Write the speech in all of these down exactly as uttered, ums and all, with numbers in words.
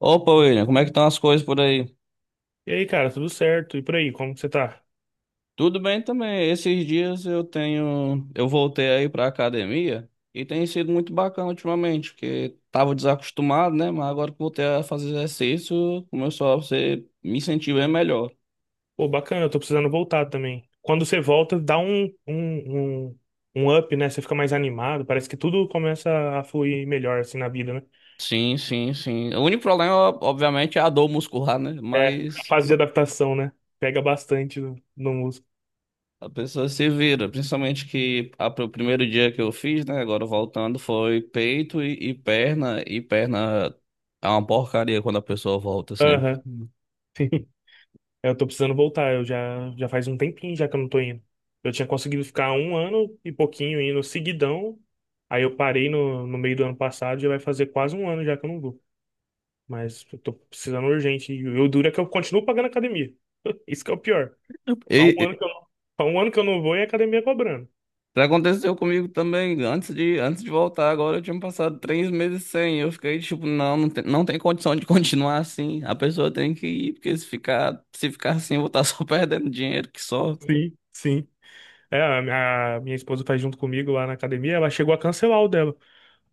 Opa, William, como é que estão as coisas por aí? E aí, cara, tudo certo? E por aí, como que você tá? Tudo bem também. Esses dias eu tenho, eu voltei aí pra academia e tem sido muito bacana ultimamente, porque tava desacostumado, né? Mas agora que voltei a fazer exercício, começou a ser, me sentir bem melhor. Pô, bacana, eu tô precisando voltar também. Quando você volta, dá um, um, um, um up, né? Você fica mais animado, parece que tudo começa a fluir melhor, assim, na vida, né? Sim, sim, sim. O único problema, obviamente, é a dor muscular, né? É, a Mas fase de adaptação, né? Pega bastante no, no músico. a pessoa se vira, principalmente que a, o primeiro dia que eu fiz, né? Agora voltando, foi peito e, e perna, e perna é uma porcaria quando a pessoa volta sempre. Aham, sim. É, eu tô precisando voltar, eu já, já faz um tempinho já que eu não tô indo. Eu tinha conseguido ficar um ano e pouquinho indo seguidão, aí eu parei no, no meio do ano passado, já vai fazer quase um ano já que eu não vou. Mas eu tô precisando urgente. E o duro é que eu continuo pagando academia. Isso que é o pior. E, Há um ano e que eu não, há um ano que eu não vou e a academia cobrando. Pra- aconteceu comigo também, antes de, antes de voltar, agora eu tinha passado três meses sem, eu fiquei tipo, não, não tem, não tem condição de continuar assim, a pessoa tem que ir, porque se ficar, se ficar assim, eu vou estar só perdendo dinheiro que só. Sim, sim. É, a minha, a minha esposa faz junto comigo lá na academia, ela chegou a cancelar o dela.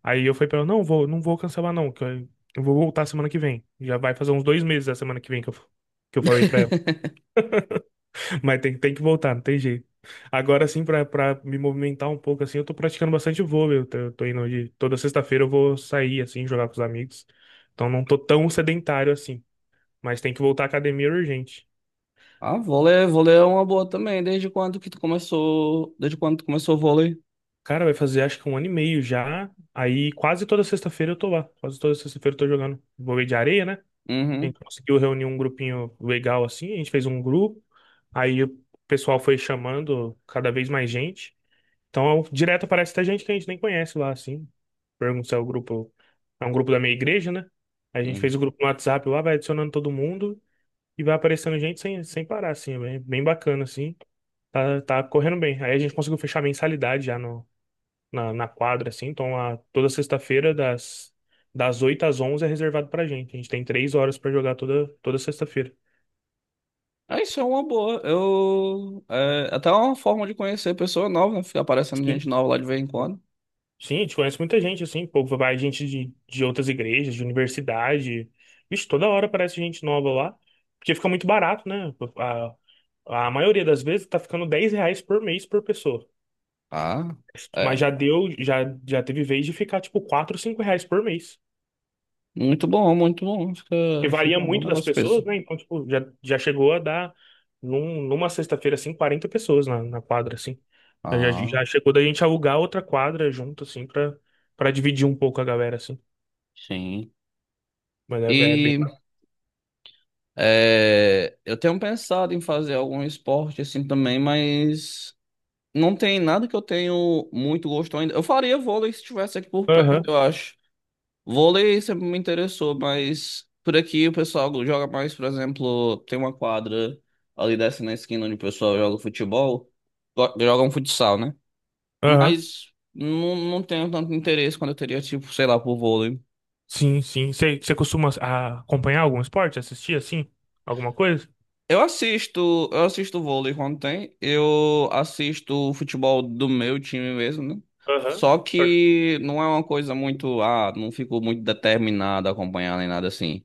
Aí eu falei pra ela, não vou, não vou cancelar não, que eu, eu vou voltar semana que vem. Já vai fazer uns dois meses da semana que vem que eu, que eu falei pra. Mas tem, tem que voltar, não tem jeito. Agora sim, pra, pra me movimentar um pouco, assim, eu tô praticando bastante vôlei. Eu tô, eu tô indo de... Toda sexta-feira eu vou sair, assim, jogar com os amigos. Então não tô tão sedentário assim. Mas tem que voltar à academia urgente. Ah, vôlei, é, vôlei é uma boa também, desde quando que tu começou, desde quando tu começou o vôlei? Cara, vai fazer acho que um ano e meio já. Aí quase toda sexta-feira eu tô lá. Quase toda sexta-feira eu tô jogando vôlei de areia, né? A Uhum, gente conseguiu reunir um grupinho legal assim. A gente fez um grupo. Aí o pessoal foi chamando cada vez mais gente. Então, direto aparece até gente que a gente nem conhece lá, assim. Pergunto se é o grupo. É um grupo da minha igreja, né? A gente fez uhum. o grupo no WhatsApp lá, vai adicionando todo mundo e vai aparecendo gente sem, sem parar, assim. É bem, bem bacana, assim. Tá, tá correndo bem. Aí a gente conseguiu fechar a mensalidade já no, na, na quadra, assim. Então, lá, toda sexta-feira, das, das oito às onze é reservado pra gente. A gente tem três horas pra jogar toda, toda sexta-feira. Ah, isso é uma boa. Eu. É, até uma forma de conhecer pessoa nova, né? Ficar aparecendo E gente nova lá de vez em quando. Sim, a gente conhece muita gente, assim, pô, vai gente de, de outras igrejas, de universidade. Vixe, toda hora aparece gente nova lá, porque fica muito barato, né? A, a maioria das vezes tá ficando dez reais por mês por pessoa. Ah, Mas é. já deu, já, já teve vez de ficar, tipo, quatro, cinco reais por mês. Muito bom, muito bom. Que Fica, varia fica um bom muito das negócio pessoas, mesmo. né? Então, tipo, já, já chegou a dar, num- numa sexta-feira, assim, quarenta pessoas na, na quadra, assim. Já, Ah, já chegou da gente alugar outra quadra junto, assim, pra, pra dividir um pouco a galera, assim. sim. Mas é, é bem. E é, eu tenho pensado em fazer algum esporte assim também, mas não tem nada que eu tenho muito gosto ainda. Eu faria vôlei se estivesse aqui por perto, Aham, eu acho. Vôlei sempre me interessou, mas por aqui o pessoal joga mais, por exemplo, tem uma quadra ali dessa na esquina onde o pessoal joga futebol, go- joga um futsal, né? aham. Mas não, não tenho tanto interesse quando eu teria, tipo, sei lá, por vôlei. Sim, sim. Você você costuma ah, acompanhar algum esporte? Assistir, assim? Alguma coisa? Eu assisto, eu assisto vôlei quando tem, eu assisto o futebol do meu time mesmo, né? Aham. Só Torce- que não é uma coisa muito, ah, não fico muito determinado a acompanhar nem nada assim.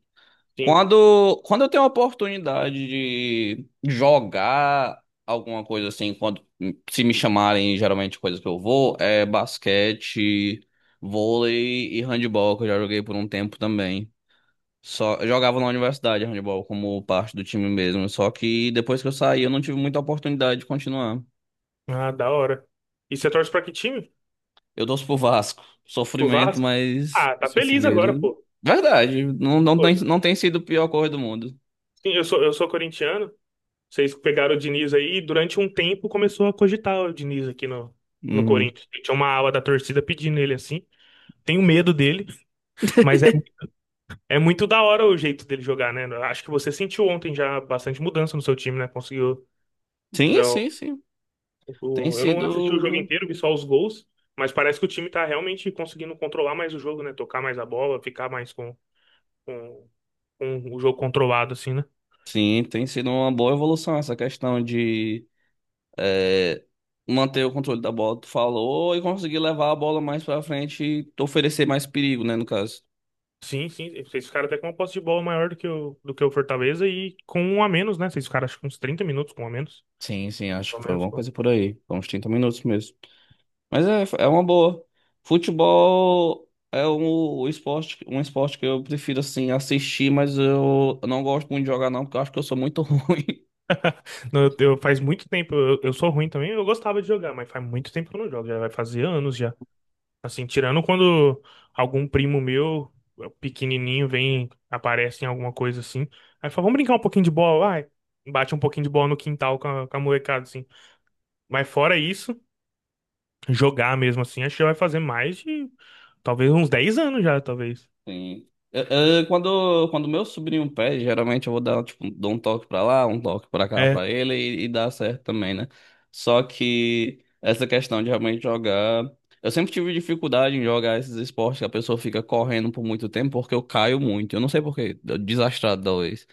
Sim. Quando, quando eu tenho a oportunidade de jogar alguma coisa assim, quando se me chamarem, geralmente coisas que eu vou, é basquete, vôlei e handebol, que eu já joguei por um tempo também. Só, eu jogava na universidade handebol como parte do time mesmo, só que depois que eu saí eu não tive muita oportunidade de continuar. Ah, da hora. E você torce pra que time? Eu torço pro Vasco, O sofrimento, Vasco? mas Ah, a tá pessoa se feliz vira. agora, pô. Verdade, não, não Pô, tem, não tem sido a pior coisa do mundo. sim, eu sou, eu sou corintiano. Vocês pegaram o Diniz aí e durante um tempo começou a cogitar o Diniz aqui no, no Uhum. Corinthians. Tinha uma ala da torcida pedindo ele assim. Tenho medo dele, mas é, é muito da hora o jeito dele jogar, né? Acho que você sentiu ontem já bastante mudança no seu time, né? Conseguiu ver. Sim, sim, sim. Tem O- Eu não assisti o jogo sido, inteiro, vi só os gols, mas parece que o time tá realmente conseguindo controlar mais o jogo, né? Tocar mais a bola, ficar mais com, com, com o jogo controlado, assim, né? sim, tem sido uma boa evolução essa questão de é, manter o controle da bola, tu falou, e conseguir levar a bola mais pra frente e oferecer mais perigo, né, no caso. Sim, sim. Vocês ficaram até com uma posse de bola maior do que o, do que o Fortaleza e com um a menos, né? Vocês ficaram acho que uns trinta minutos com um a menos. Sim, sim, acho que Pelo foi menos, alguma pô. coisa por aí. Foi uns trinta minutos mesmo. Mas é, é uma boa. Futebol é um, o esporte, um esporte que eu prefiro, assim, assistir, mas eu não gosto muito de jogar, não, porque eu acho que eu sou muito ruim. Não, eu, eu- faz muito tempo, eu, eu sou ruim também, eu gostava de jogar, mas faz muito tempo que eu não jogo, já vai fazer anos já. Assim, tirando quando algum primo meu, eh, pequenininho, vem, aparece em alguma coisa assim. Aí fala, vamos brincar um pouquinho de bola. Vai. Bate um pouquinho de bola no quintal com a, com a molecada, assim. Mas fora isso, jogar mesmo assim, acho que já vai fazer mais de, talvez, uns dez anos já, talvez. Sim. Eu- eu- quando, quando meu sobrinho pede, geralmente eu vou dar, tipo, dou um toque pra lá, um toque pra cá É. pra ele e, e dá certo também, né? Só que essa questão de realmente jogar. Eu sempre tive dificuldade em jogar esses esportes que a pessoa fica correndo por muito tempo porque eu caio muito. Eu não sei por quê, eu- desastrado talvez.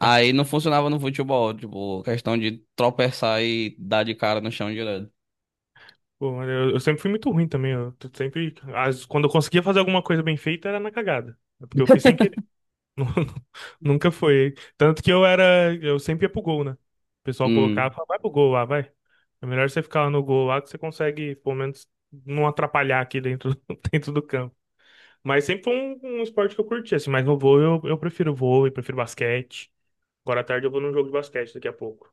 Aí não funcionava no futebol, tipo, questão de tropeçar e dar de cara no chão direto. Pô, mas eu, eu sempre fui muito ruim também. Eu t- sempre, as- Quando eu conseguia fazer alguma coisa bem feita, era na cagada. É, porque eu fiz sem querer. Nunca foi. Tanto que eu era. Eu sempre ia pro gol, né? O pessoal colocava, Hum, "Ah, vai pro gol lá, vai. É melhor você ficar lá no gol lá que você consegue, pelo menos, não atrapalhar aqui dentro, dentro do campo." Mas sempre foi um, um esporte que eu curti, assim. Mas no vôlei eu, eu prefiro vôlei, prefiro basquete. Agora à tarde eu vou num jogo de basquete daqui a pouco.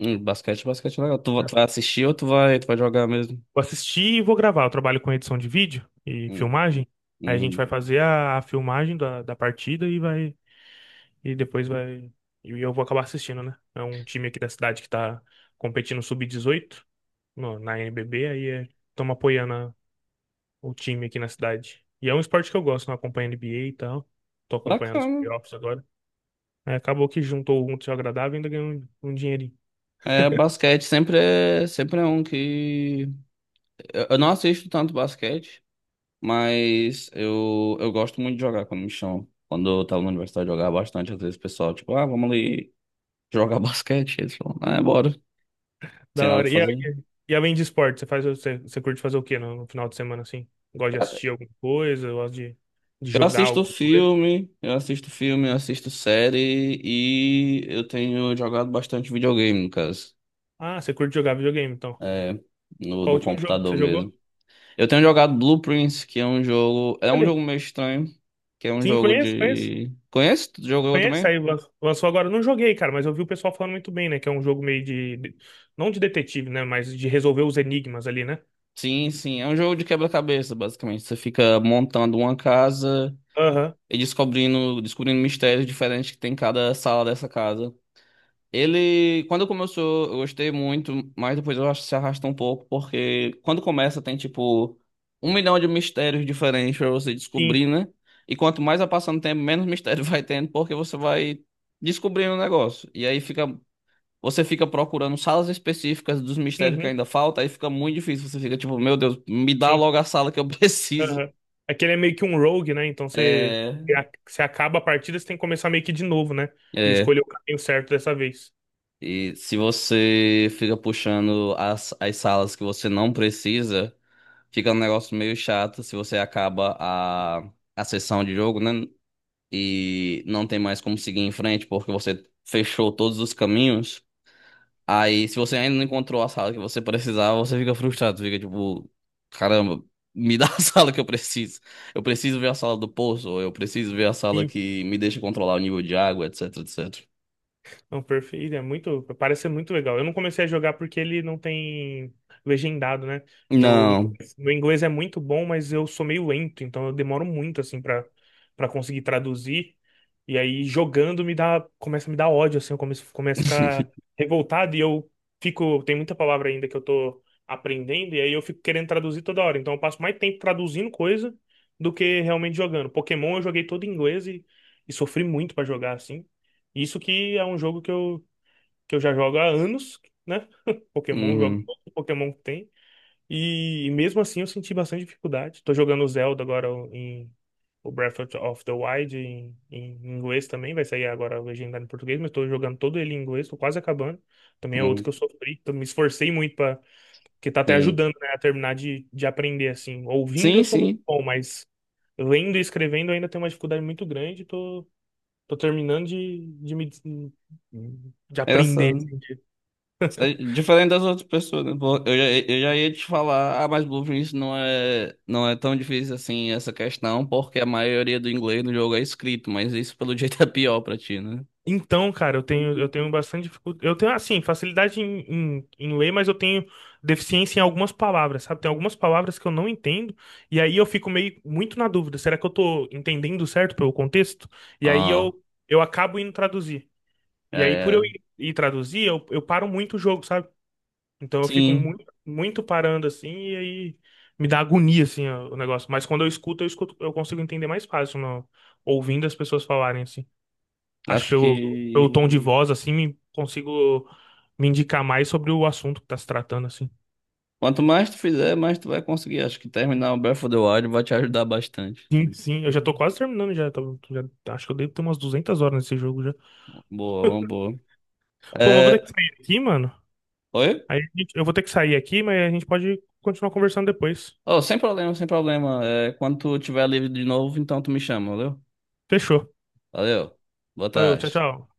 hum, basquete, basquete é legal. Tu, va- É. tu vai assistir ou tu vai, tu vai jogar mesmo? Vou assistir e vou gravar. Eu trabalho com edição de vídeo e Hum. filmagem. Aí a gente Uhum. vai fazer a, a filmagem da, da partida e vai. E depois vai. E eu vou acabar assistindo, né? É um time aqui da cidade que tá competindo sub dezoito no- na N B B, aí é, estamos apoiando a- o time aqui na cidade. E é um esporte que eu gosto, não acompanho N B A e tal. Tô acompanhando os Bacana. playoffs agora. Aí acabou que juntou o útil agradável e ainda ganhou um, um dinheirinho. É, basquete sempre é, sempre é um que. Eu, eu não assisto tanto basquete, mas eu, eu gosto muito de jogar quando me chamam. Quando eu tava na universidade, eu jogava bastante. Às vezes o pessoal, tipo, ah, vamos ali jogar basquete. Eles falam, ah, é, bora. Sem Da nada hora. pra E, a- fazer. e além de esporte, você faz, você, você curte fazer o quê no, no final de semana assim? Gosta de assistir alguma coisa? Gosta de, de Eu jogar assisto alguma coisa? filme, eu assisto filme, eu assisto série e eu tenho jogado bastante videogame, no caso. Ah, você curte jogar videogame, então. É, no, Qual o do último jogo que computador você mesmo. jogou? Eu tenho jogado Blueprints, que é um jogo. É um Olha, jogo meio estranho. Que é um sim, jogo conheço, conheço. de. Conhece? Tu jogou Conhece? também? Aí lan- lançou agora. Não joguei, cara, mas eu vi o pessoal falando muito bem, né? Que é um jogo meio de. de- não de detetive, né? Mas de resolver os enigmas ali, né? Sim, sim. É um jogo de quebra-cabeça, basicamente. Você fica montando uma casa Aham, e descobrindo, descobrindo mistérios diferentes que tem em cada sala dessa casa. Ele, quando começou, eu gostei muito, mas depois eu acho que se arrastou um pouco, porque quando começa tem tipo um milhão de mistérios diferentes pra você sim. descobrir, né? E quanto mais vai passando o tempo, menos mistério vai tendo, porque você vai descobrindo o negócio. E aí fica, você fica procurando salas específicas dos mistérios que Uhum, ainda falta, aí fica muito difícil. Você fica tipo, meu Deus, me dá sim. logo a sala que eu preciso. Aham. Aquele é meio que um rogue, né? Então você, É, você acaba a partida, você tem que começar meio que de novo, né? E é. escolher o caminho certo dessa vez. E se você fica puxando as, as salas que você não precisa. Fica um negócio meio chato se você acaba a, a sessão de jogo, né? E não tem mais como seguir em frente porque você fechou todos os caminhos. Aí, se você ainda não encontrou a sala que você precisava, você fica frustrado, fica tipo, caramba, me dá a sala que eu preciso. Eu preciso ver a sala do poço, ou eu preciso ver a sala que me deixa controlar o nível de água, etc, etcétera. Não, perfeito. Ele é muito, parece ser muito legal. Eu não comecei a jogar porque ele não tem legendado, né? Meu Não. inglês, meu inglês é muito bom, mas eu sou meio lento, então eu demoro muito assim para para conseguir traduzir. E aí jogando me dá, começa a me dar ódio assim, eu começo, começo a ficar revoltado e eu fico, tem muita palavra ainda que eu tô aprendendo e aí eu fico querendo traduzir toda hora. Então eu passo mais tempo traduzindo coisa do que realmente jogando. Pokémon eu joguei todo em inglês e, e sofri muito para jogar assim. Isso que é um jogo que eu, que eu já jogo há anos, né? Pokémon, eu jogo Uhum, todo Pokémon que tem. E, e mesmo assim eu senti bastante dificuldade. Tô jogando Zelda agora em o Breath of the Wild em, em inglês também, vai sair agora legendado em português, mas tô jogando todo ele em inglês, tô quase acabando. Também é outro que uhum, eu sofri, então me esforcei muito para que tá até sim. ajudando, né, a terminar de, de aprender assim. Ouvindo Sim, eu sou muito sim. bom, mas lendo e escrevendo eu ainda tenho uma dificuldade muito grande, tô Tô terminando de, de me de Essa aprender. Assim, de- é diferente das outras pessoas, né? Pô, eu já, eu já ia te falar, ah, mas Blueprint não é, não é tão difícil assim essa questão, porque a maioria do inglês no jogo é escrito, mas isso pelo jeito é pior pra ti, né? então, cara, eu tenho eu tenho bastante dificuldade. Eu tenho assim, facilidade em, em, em ler, mas eu tenho deficiência em algumas palavras, sabe? Tem algumas palavras que eu não entendo, e aí eu fico meio muito na dúvida. Será que eu tô entendendo certo pelo contexto? E aí eu Ah, eu acabo indo traduzir. E aí, por eu é. ir, ir traduzir, eu, eu paro muito o jogo, sabe? Então eu fico Sim, muito, muito parando assim e aí me dá agonia assim o o negócio. Mas quando eu escuto, eu escuto, eu consigo entender mais fácil no- ouvindo as pessoas falarem assim. Acho que acho pelo, pelo que tom de voz assim, me- consigo me indicar mais sobre o assunto que tá se tratando assim. quanto mais tu fizer, mais tu vai conseguir. Acho que terminar o Breath of the Wild vai te ajudar bastante. Sim, sim, eu já tô quase terminando já, tô- já- acho que eu devo ter umas duzentas horas nesse jogo já. Boa, uma boa. Pô, mas eu vou ter que É, sair aqui, mano. oi? Aí a gente- eu vou ter que sair aqui, mas a gente pode continuar conversando depois. Oh, sem problema, sem problema. É, quando tu tiver livre de novo, então tu me chama, valeu? Fechou. Valeu. Boa Valeu, tchau, tarde. tchau.